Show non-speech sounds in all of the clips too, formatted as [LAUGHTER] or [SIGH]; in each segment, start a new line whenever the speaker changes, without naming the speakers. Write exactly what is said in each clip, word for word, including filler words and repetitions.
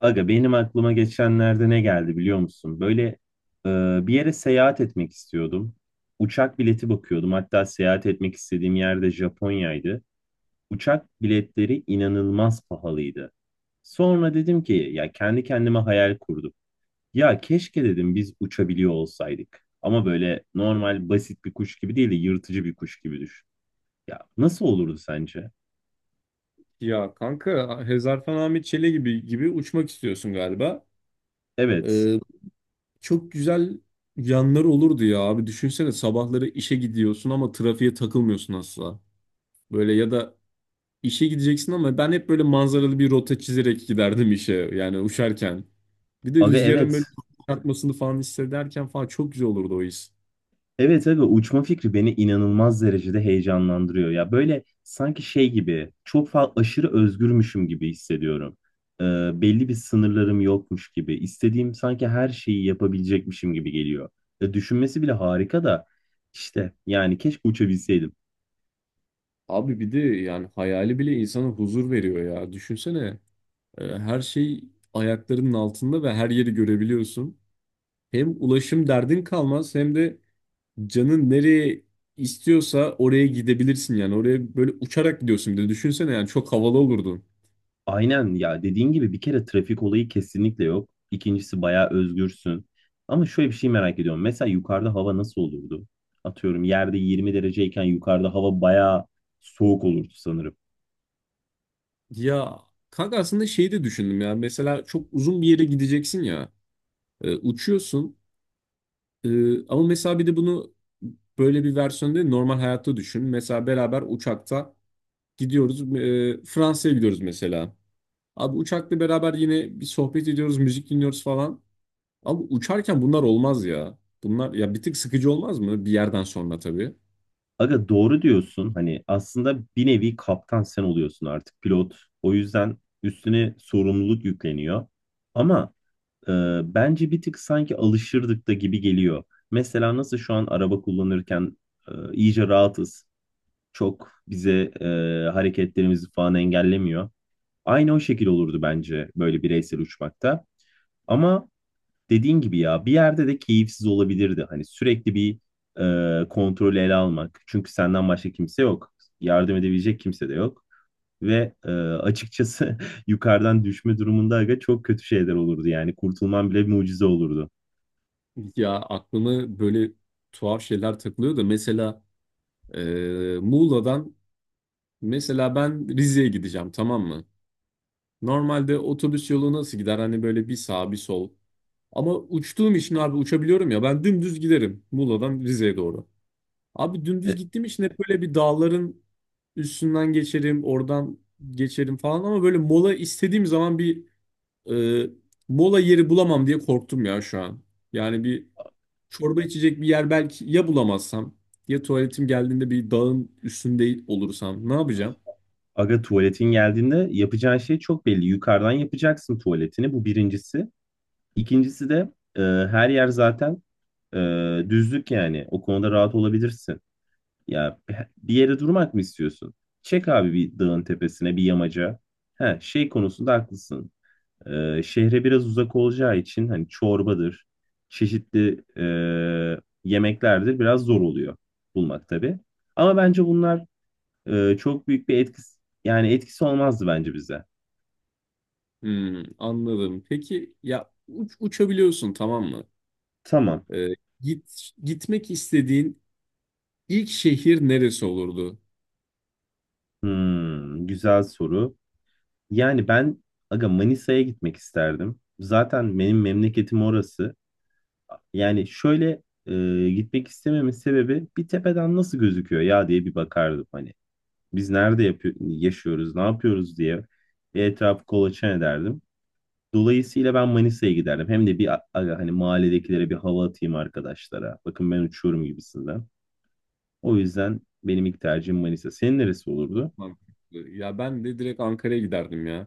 Aga benim aklıma geçenlerde ne geldi biliyor musun? Böyle e, bir yere seyahat etmek istiyordum. Uçak bileti bakıyordum. Hatta seyahat etmek istediğim yerde Japonya'ydı. Uçak biletleri inanılmaz pahalıydı. Sonra dedim ki ya kendi kendime hayal kurdum. Ya keşke dedim biz uçabiliyor olsaydık. Ama böyle normal basit bir kuş gibi değil de yırtıcı bir kuş gibi düşün. Ya nasıl olurdu sence?
Ya kanka Hezarfen Ahmet Çele gibi gibi uçmak istiyorsun galiba.
Evet.
Ee, Çok güzel yanları olurdu ya abi. Düşünsene sabahları işe gidiyorsun ama trafiğe takılmıyorsun asla. Böyle ya da işe gideceksin ama ben hep böyle manzaralı bir rota çizerek giderdim işe yani uçarken. Bir de
Aga
rüzgarın
evet.
böyle çarpmasını falan hissederken falan çok güzel olurdu o his.
Evet abi uçma fikri beni inanılmaz derecede heyecanlandırıyor. Ya böyle sanki şey gibi çok fazla aşırı özgürmüşüm gibi hissediyorum. Ee, belli bir sınırlarım yokmuş gibi. İstediğim sanki her şeyi yapabilecekmişim gibi geliyor. E, düşünmesi bile harika da işte yani keşke uçabilseydim.
Abi bir de yani hayali bile insana huzur veriyor ya. Düşünsene e, her şey ayaklarının altında ve her yeri görebiliyorsun. Hem ulaşım derdin kalmaz hem de canın nereye istiyorsa oraya gidebilirsin yani. Oraya böyle uçarak gidiyorsun bir de düşünsene yani çok havalı olurdu.
Aynen ya dediğin gibi bir kere trafik olayı kesinlikle yok. İkincisi bayağı özgürsün. Ama şöyle bir şey merak ediyorum. Mesela yukarıda hava nasıl olurdu? Atıyorum yerde yirmi dereceyken yukarıda hava bayağı soğuk olurdu sanırım.
Ya kanka aslında şeyi de düşündüm ya mesela çok uzun bir yere gideceksin ya. E, uçuyorsun. E, ama mesela bir de bunu böyle bir versiyonda değil, normal hayatta düşün. Mesela beraber uçakta gidiyoruz, e, Fransa'ya gidiyoruz mesela. Abi uçakla beraber yine bir sohbet ediyoruz, müzik dinliyoruz falan. Abi uçarken bunlar olmaz ya. Bunlar ya bir tık sıkıcı olmaz mı? Bir yerden sonra tabii.
Aga doğru diyorsun. Hani aslında bir nevi kaptan sen oluyorsun artık pilot. O yüzden üstüne sorumluluk yükleniyor. Ama e, bence bir tık sanki alışırdık da gibi geliyor. Mesela nasıl şu an araba kullanırken e, iyice rahatız. Çok bize e, hareketlerimizi falan engellemiyor. Aynı o şekil olurdu bence böyle bireysel uçmakta. Ama dediğin gibi ya bir yerde de keyifsiz olabilirdi. Hani sürekli bir e, kontrolü ele almak. Çünkü senden başka kimse yok. Yardım edebilecek kimse de yok. Ve e, açıkçası [LAUGHS] yukarıdan düşme durumunda aga çok kötü şeyler olurdu yani. Kurtulman bile bir mucize olurdu.
Ya aklımı böyle tuhaf şeyler takılıyor da mesela e, Muğla'dan mesela ben Rize'ye gideceğim, tamam mı? Normalde otobüs yolu nasıl gider? Hani böyle bir sağ bir sol. Ama uçtuğum için abi, uçabiliyorum ya ben, dümdüz giderim Muğla'dan Rize'ye doğru. Abi dümdüz
E,
gittiğim için hep böyle bir dağların üstünden geçerim, oradan geçerim falan ama böyle mola istediğim zaman bir Ee, mola yeri bulamam diye korktum ya şu an. Yani bir çorba içecek bir yer belki ya bulamazsam, ya tuvaletim geldiğinde bir dağın üstünde olursam ne yapacağım?
Aga tuvaletin geldiğinde yapacağın şey çok belli. Yukarıdan yapacaksın tuvaletini. Bu birincisi. İkincisi de e, her yer zaten e, düzlük yani. O konuda rahat olabilirsin. Ya bir yere durmak mı istiyorsun? Çek abi bir dağın tepesine bir yamaca. He, şey konusunda haklısın. Ee, şehre biraz uzak olacağı için hani çorbadır, çeşitli e, yemeklerdir biraz zor oluyor bulmak tabii. Ama bence bunlar e, çok büyük bir etkisi yani etkisi olmazdı bence bize.
Hmm, anladım. Peki ya uç- uçabiliyorsun, tamam mı?
Tamam.
Ee, git Gitmek istediğin ilk şehir neresi olurdu?
Hmm, güzel soru. Yani ben aga Manisa'ya gitmek isterdim. Zaten benim memleketim orası. Yani şöyle e, gitmek istememin sebebi bir tepeden nasıl gözüküyor ya diye bir bakardım hani. biz nerede yapıyor, yaşıyoruz, ne yapıyoruz diye bir etrafı kolaçan ederdim. Dolayısıyla ben Manisa'ya giderdim. Hem de bir a- aga, hani mahalledekilere bir hava atayım arkadaşlara. Bakın ben uçuyorum gibisinden. O yüzden benim ilk tercihim Manisa. Senin neresi olurdu?
Çok mantıklı. Ya ben de direkt Ankara'ya giderdim ya.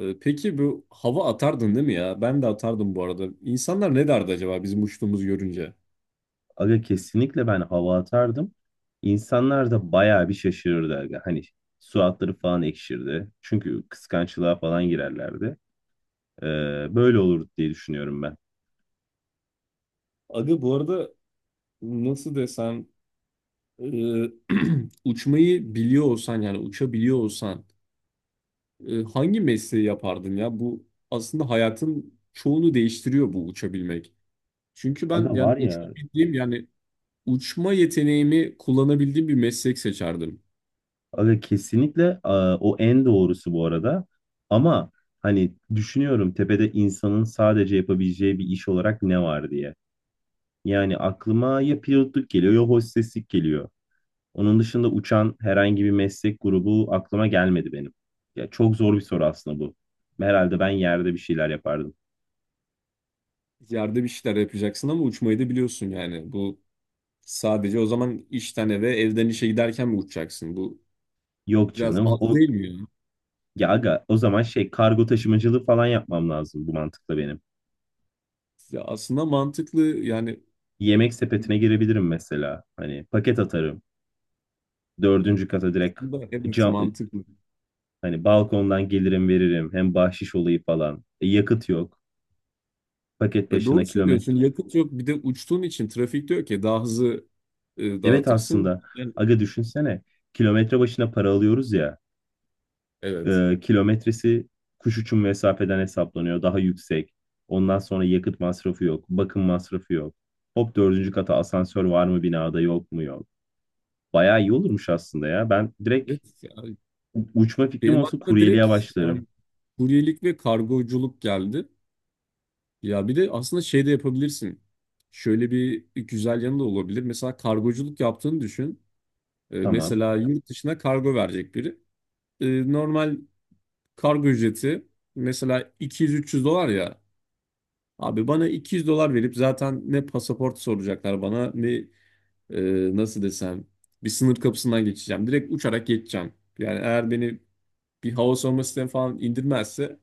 Ee, peki bu hava atardın değil mi ya? Ben de atardım bu arada. İnsanlar ne derdi acaba bizim uçtuğumuzu görünce?
Aga kesinlikle ben hava atardım. İnsanlar da bayağı bir şaşırırdı aga. Hani suratları falan ekşirdi. Çünkü kıskançlığa falan girerlerdi. Ee, Böyle olur diye düşünüyorum ben.
Aga bu arada nasıl desem, e, [CLEARS THROAT] uçmayı biliyor olsan, yani uçabiliyor olsan, e, hangi mesleği yapardın ya? Bu aslında hayatın çoğunu değiştiriyor, bu uçabilmek. Çünkü
Aga
ben yani
var ya.
uçabildiğim yani uçma yeteneğimi kullanabildiğim bir meslek seçerdim.
Aga kesinlikle a, o en doğrusu bu arada. Ama hani düşünüyorum tepede insanın sadece yapabileceği bir iş olarak ne var diye. Yani aklıma ya pilotluk geliyor ya hosteslik geliyor. Onun dışında uçan herhangi bir meslek grubu aklıma gelmedi benim. Ya çok zor bir soru aslında bu. Herhalde ben yerde bir şeyler yapardım.
Yerde bir şeyler yapacaksın ama uçmayı da biliyorsun yani. Bu sadece o zaman işten eve, evden işe giderken mi uçacaksın? Bu
Yok
biraz
canım.
az
O
değil mi ya?
ya aga o zaman şey kargo taşımacılığı falan yapmam lazım bu mantıkla benim.
Ya aslında mantıklı yani
Yemek sepetine girebilirim mesela. Hani paket atarım. Dördüncü kata direkt
aslında evet,
cam,
mantıklı.
hani balkondan gelirim veririm. Hem bahşiş olayı falan. E, yakıt yok. Paket
E
başına
doğru
kilometre.
söylüyorsun. Yakıt yok. Bir de uçtuğun için trafik diyor ki daha hızlı e,
Evet
dağıtırsın.
aslında
Yani,
aga düşünsene. Kilometre başına para alıyoruz ya.
evet.
E, kilometresi kuş uçum mesafeden hesaplanıyor. Daha yüksek. Ondan sonra yakıt masrafı yok. Bakım masrafı yok. Hop dördüncü kata asansör var mı binada, yok mu yok. Bayağı iyi olurmuş aslında ya. Ben direkt
Evet. Yani
u- uçma fikrim
benim
olsa
aklıma direkt
kuryeliğe başlarım.
yani kuryelik ve kargoculuk geldi. Ya bir de aslında şey de yapabilirsin. Şöyle bir güzel yanı da olabilir. Mesela kargoculuk yaptığını düşün. E,
Tamam.
mesela yurt dışına kargo verecek biri. E, Normal kargo ücreti mesela iki yüz üç yüz dolar ya. Abi bana iki yüz dolar verip zaten ne pasaport soracaklar bana ne, e, nasıl desem, bir sınır kapısından geçeceğim. Direkt uçarak geçeceğim. Yani eğer beni bir hava savunma sistemi falan indirmezse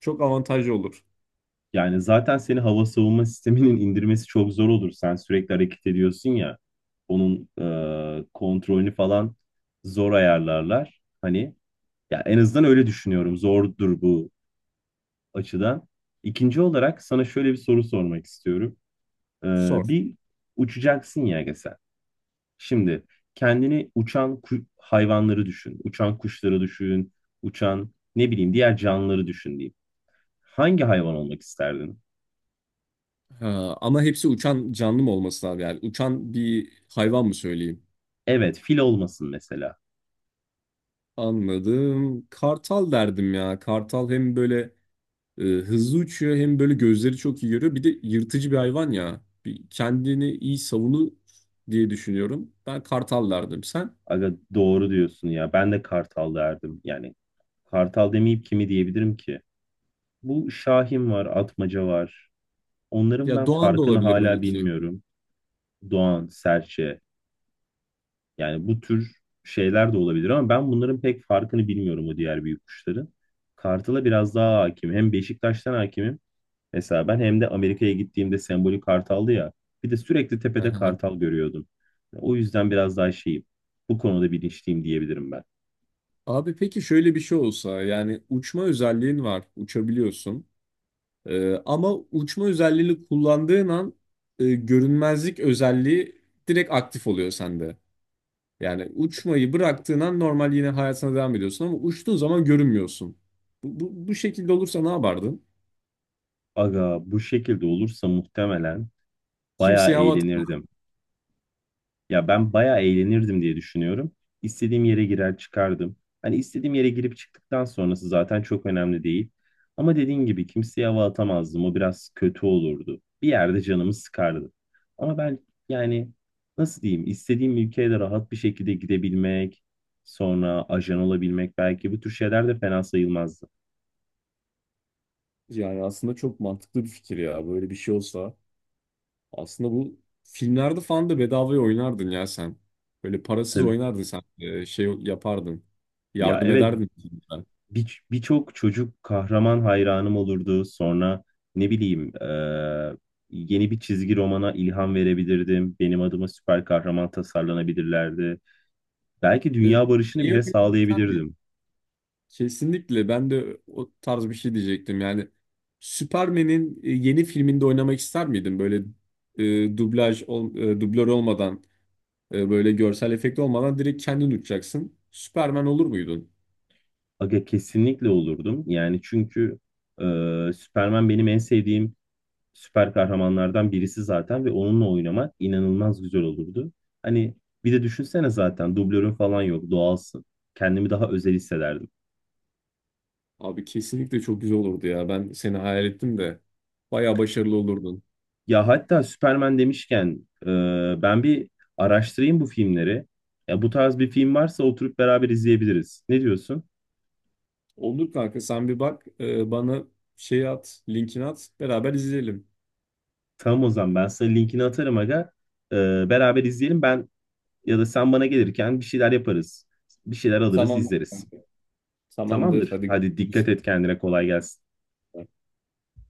çok avantajlı olur.
Yani zaten seni hava savunma sisteminin [LAUGHS] indirmesi çok zor olur. Sen sürekli hareket ediyorsun ya. Onun e, kontrolünü falan zor ayarlarlar. Hani ya en azından öyle düşünüyorum. Zordur bu açıdan. İkinci olarak sana şöyle bir soru sormak istiyorum. E,
Sor.
Bir uçacaksın ya Ege sen. Şimdi kendini uçan ku- hayvanları düşün. Uçan kuşları düşün. Uçan ne bileyim diğer canlıları düşün diyeyim. Hangi hayvan olmak isterdin?
Ha, ama hepsi uçan canlı mı olması lazım yani? Uçan bir hayvan mı söyleyeyim?
Evet, fil olmasın mesela.
Anladım. Kartal derdim ya. Kartal hem böyle e, hızlı uçuyor hem böyle gözleri çok iyi görüyor. Bir de yırtıcı bir hayvan ya. Bir kendini iyi savunur diye düşünüyorum. Ben kartal derdim. Sen?
Aga doğru diyorsun ya. Ben de Kartal derdim. Yani Kartal demeyip kimi diyebilirim ki? Bu Şahin var, Atmaca var. Onların
Ya
ben
doğan da
farkını
olabilir
hala
belki.
bilmiyorum. Doğan, Serçe. Yani bu tür şeyler de olabilir ama ben bunların pek farkını bilmiyorum o diğer büyük kuşların. Kartal'a biraz daha hakim. Hem Beşiktaş'tan hakimim. Mesela ben hem de Amerika'ya gittiğimde sembolik kartaldı ya. Bir de sürekli tepede
[LAUGHS]
kartal görüyordum. O yüzden biraz daha şeyim. Bu konuda bilinçliyim diyebilirim ben.
Abi peki şöyle bir şey olsa, yani uçma özelliğin var, uçabiliyorsun. Ee, ama uçma özelliğini kullandığın an e, görünmezlik özelliği direkt aktif oluyor sende. Yani uçmayı bıraktığın an normal yine hayatına devam ediyorsun ama uçtuğun zaman görünmüyorsun. Bu, bu, bu şekilde olursa ne yapardın?
Aga bu şekilde olursa muhtemelen bayağı
Kimseye hava
eğlenirdim.
atamazdın.
Ya ben bayağı eğlenirdim diye düşünüyorum. İstediğim yere girer çıkardım. Hani istediğim yere girip çıktıktan sonrası zaten çok önemli değil. Ama dediğin gibi kimseye hava atamazdım. O biraz kötü olurdu. Bir yerde canımı sıkardı. Ama ben yani nasıl diyeyim istediğim ülkeye de rahat bir şekilde gidebilmek, sonra ajan olabilmek belki bu tür şeyler de fena sayılmazdı.
Yani aslında çok mantıklı bir fikir ya, böyle bir şey olsa. Aslında bu filmlerde falan da bedavaya oynardın ya sen. Böyle parasız
Tabii.
oynardın sen. Ee, şey yapardın.
Ya
Yardım
evet
ederdin filmlere.
bir- birçok çocuk kahraman hayranım olurdu. Sonra ne bileyim e, yeni bir çizgi romana ilham verebilirdim. Benim adıma süper kahraman tasarlanabilirlerdi. Belki
Ee,
dünya barışını
Şeyi
bile
oynamak ister miydin?
sağlayabilirdim.
Kesinlikle ben de o tarz bir şey diyecektim. Yani Superman'in e, yeni filminde oynamak ister miydin? Böyle e, dublaj, ol, e, dublör olmadan, e, böyle görsel efekt olmadan direkt kendin uçacaksın. Superman olur muydun?
Aga kesinlikle olurdum. Yani çünkü e, Superman benim en sevdiğim süper kahramanlardan birisi zaten ve onunla oynamak inanılmaz güzel olurdu. Hani bir de düşünsene zaten dublörün falan yok, doğalsın. Kendimi daha özel hissederdim.
Abi kesinlikle çok güzel olurdu ya. Ben seni hayal ettim de bayağı başarılı olurdun.
Ya hatta Superman demişken e, ben bir araştırayım bu filmleri. Ya bu tarz bir film varsa oturup beraber izleyebiliriz. Ne diyorsun?
Olur kanka, sen bir bak, e, bana şey at, linkini at, beraber izleyelim.
Tamam o zaman ben sana linkini atarım aga. E, Beraber izleyelim, ben ya da sen bana gelirken bir şeyler yaparız. Bir şeyler alırız
Tamam
izleriz.
kanka. Tamamdır
Tamamdır.
hadi.
Hadi
Görüşürüz.
dikkat et kendine, kolay gelsin.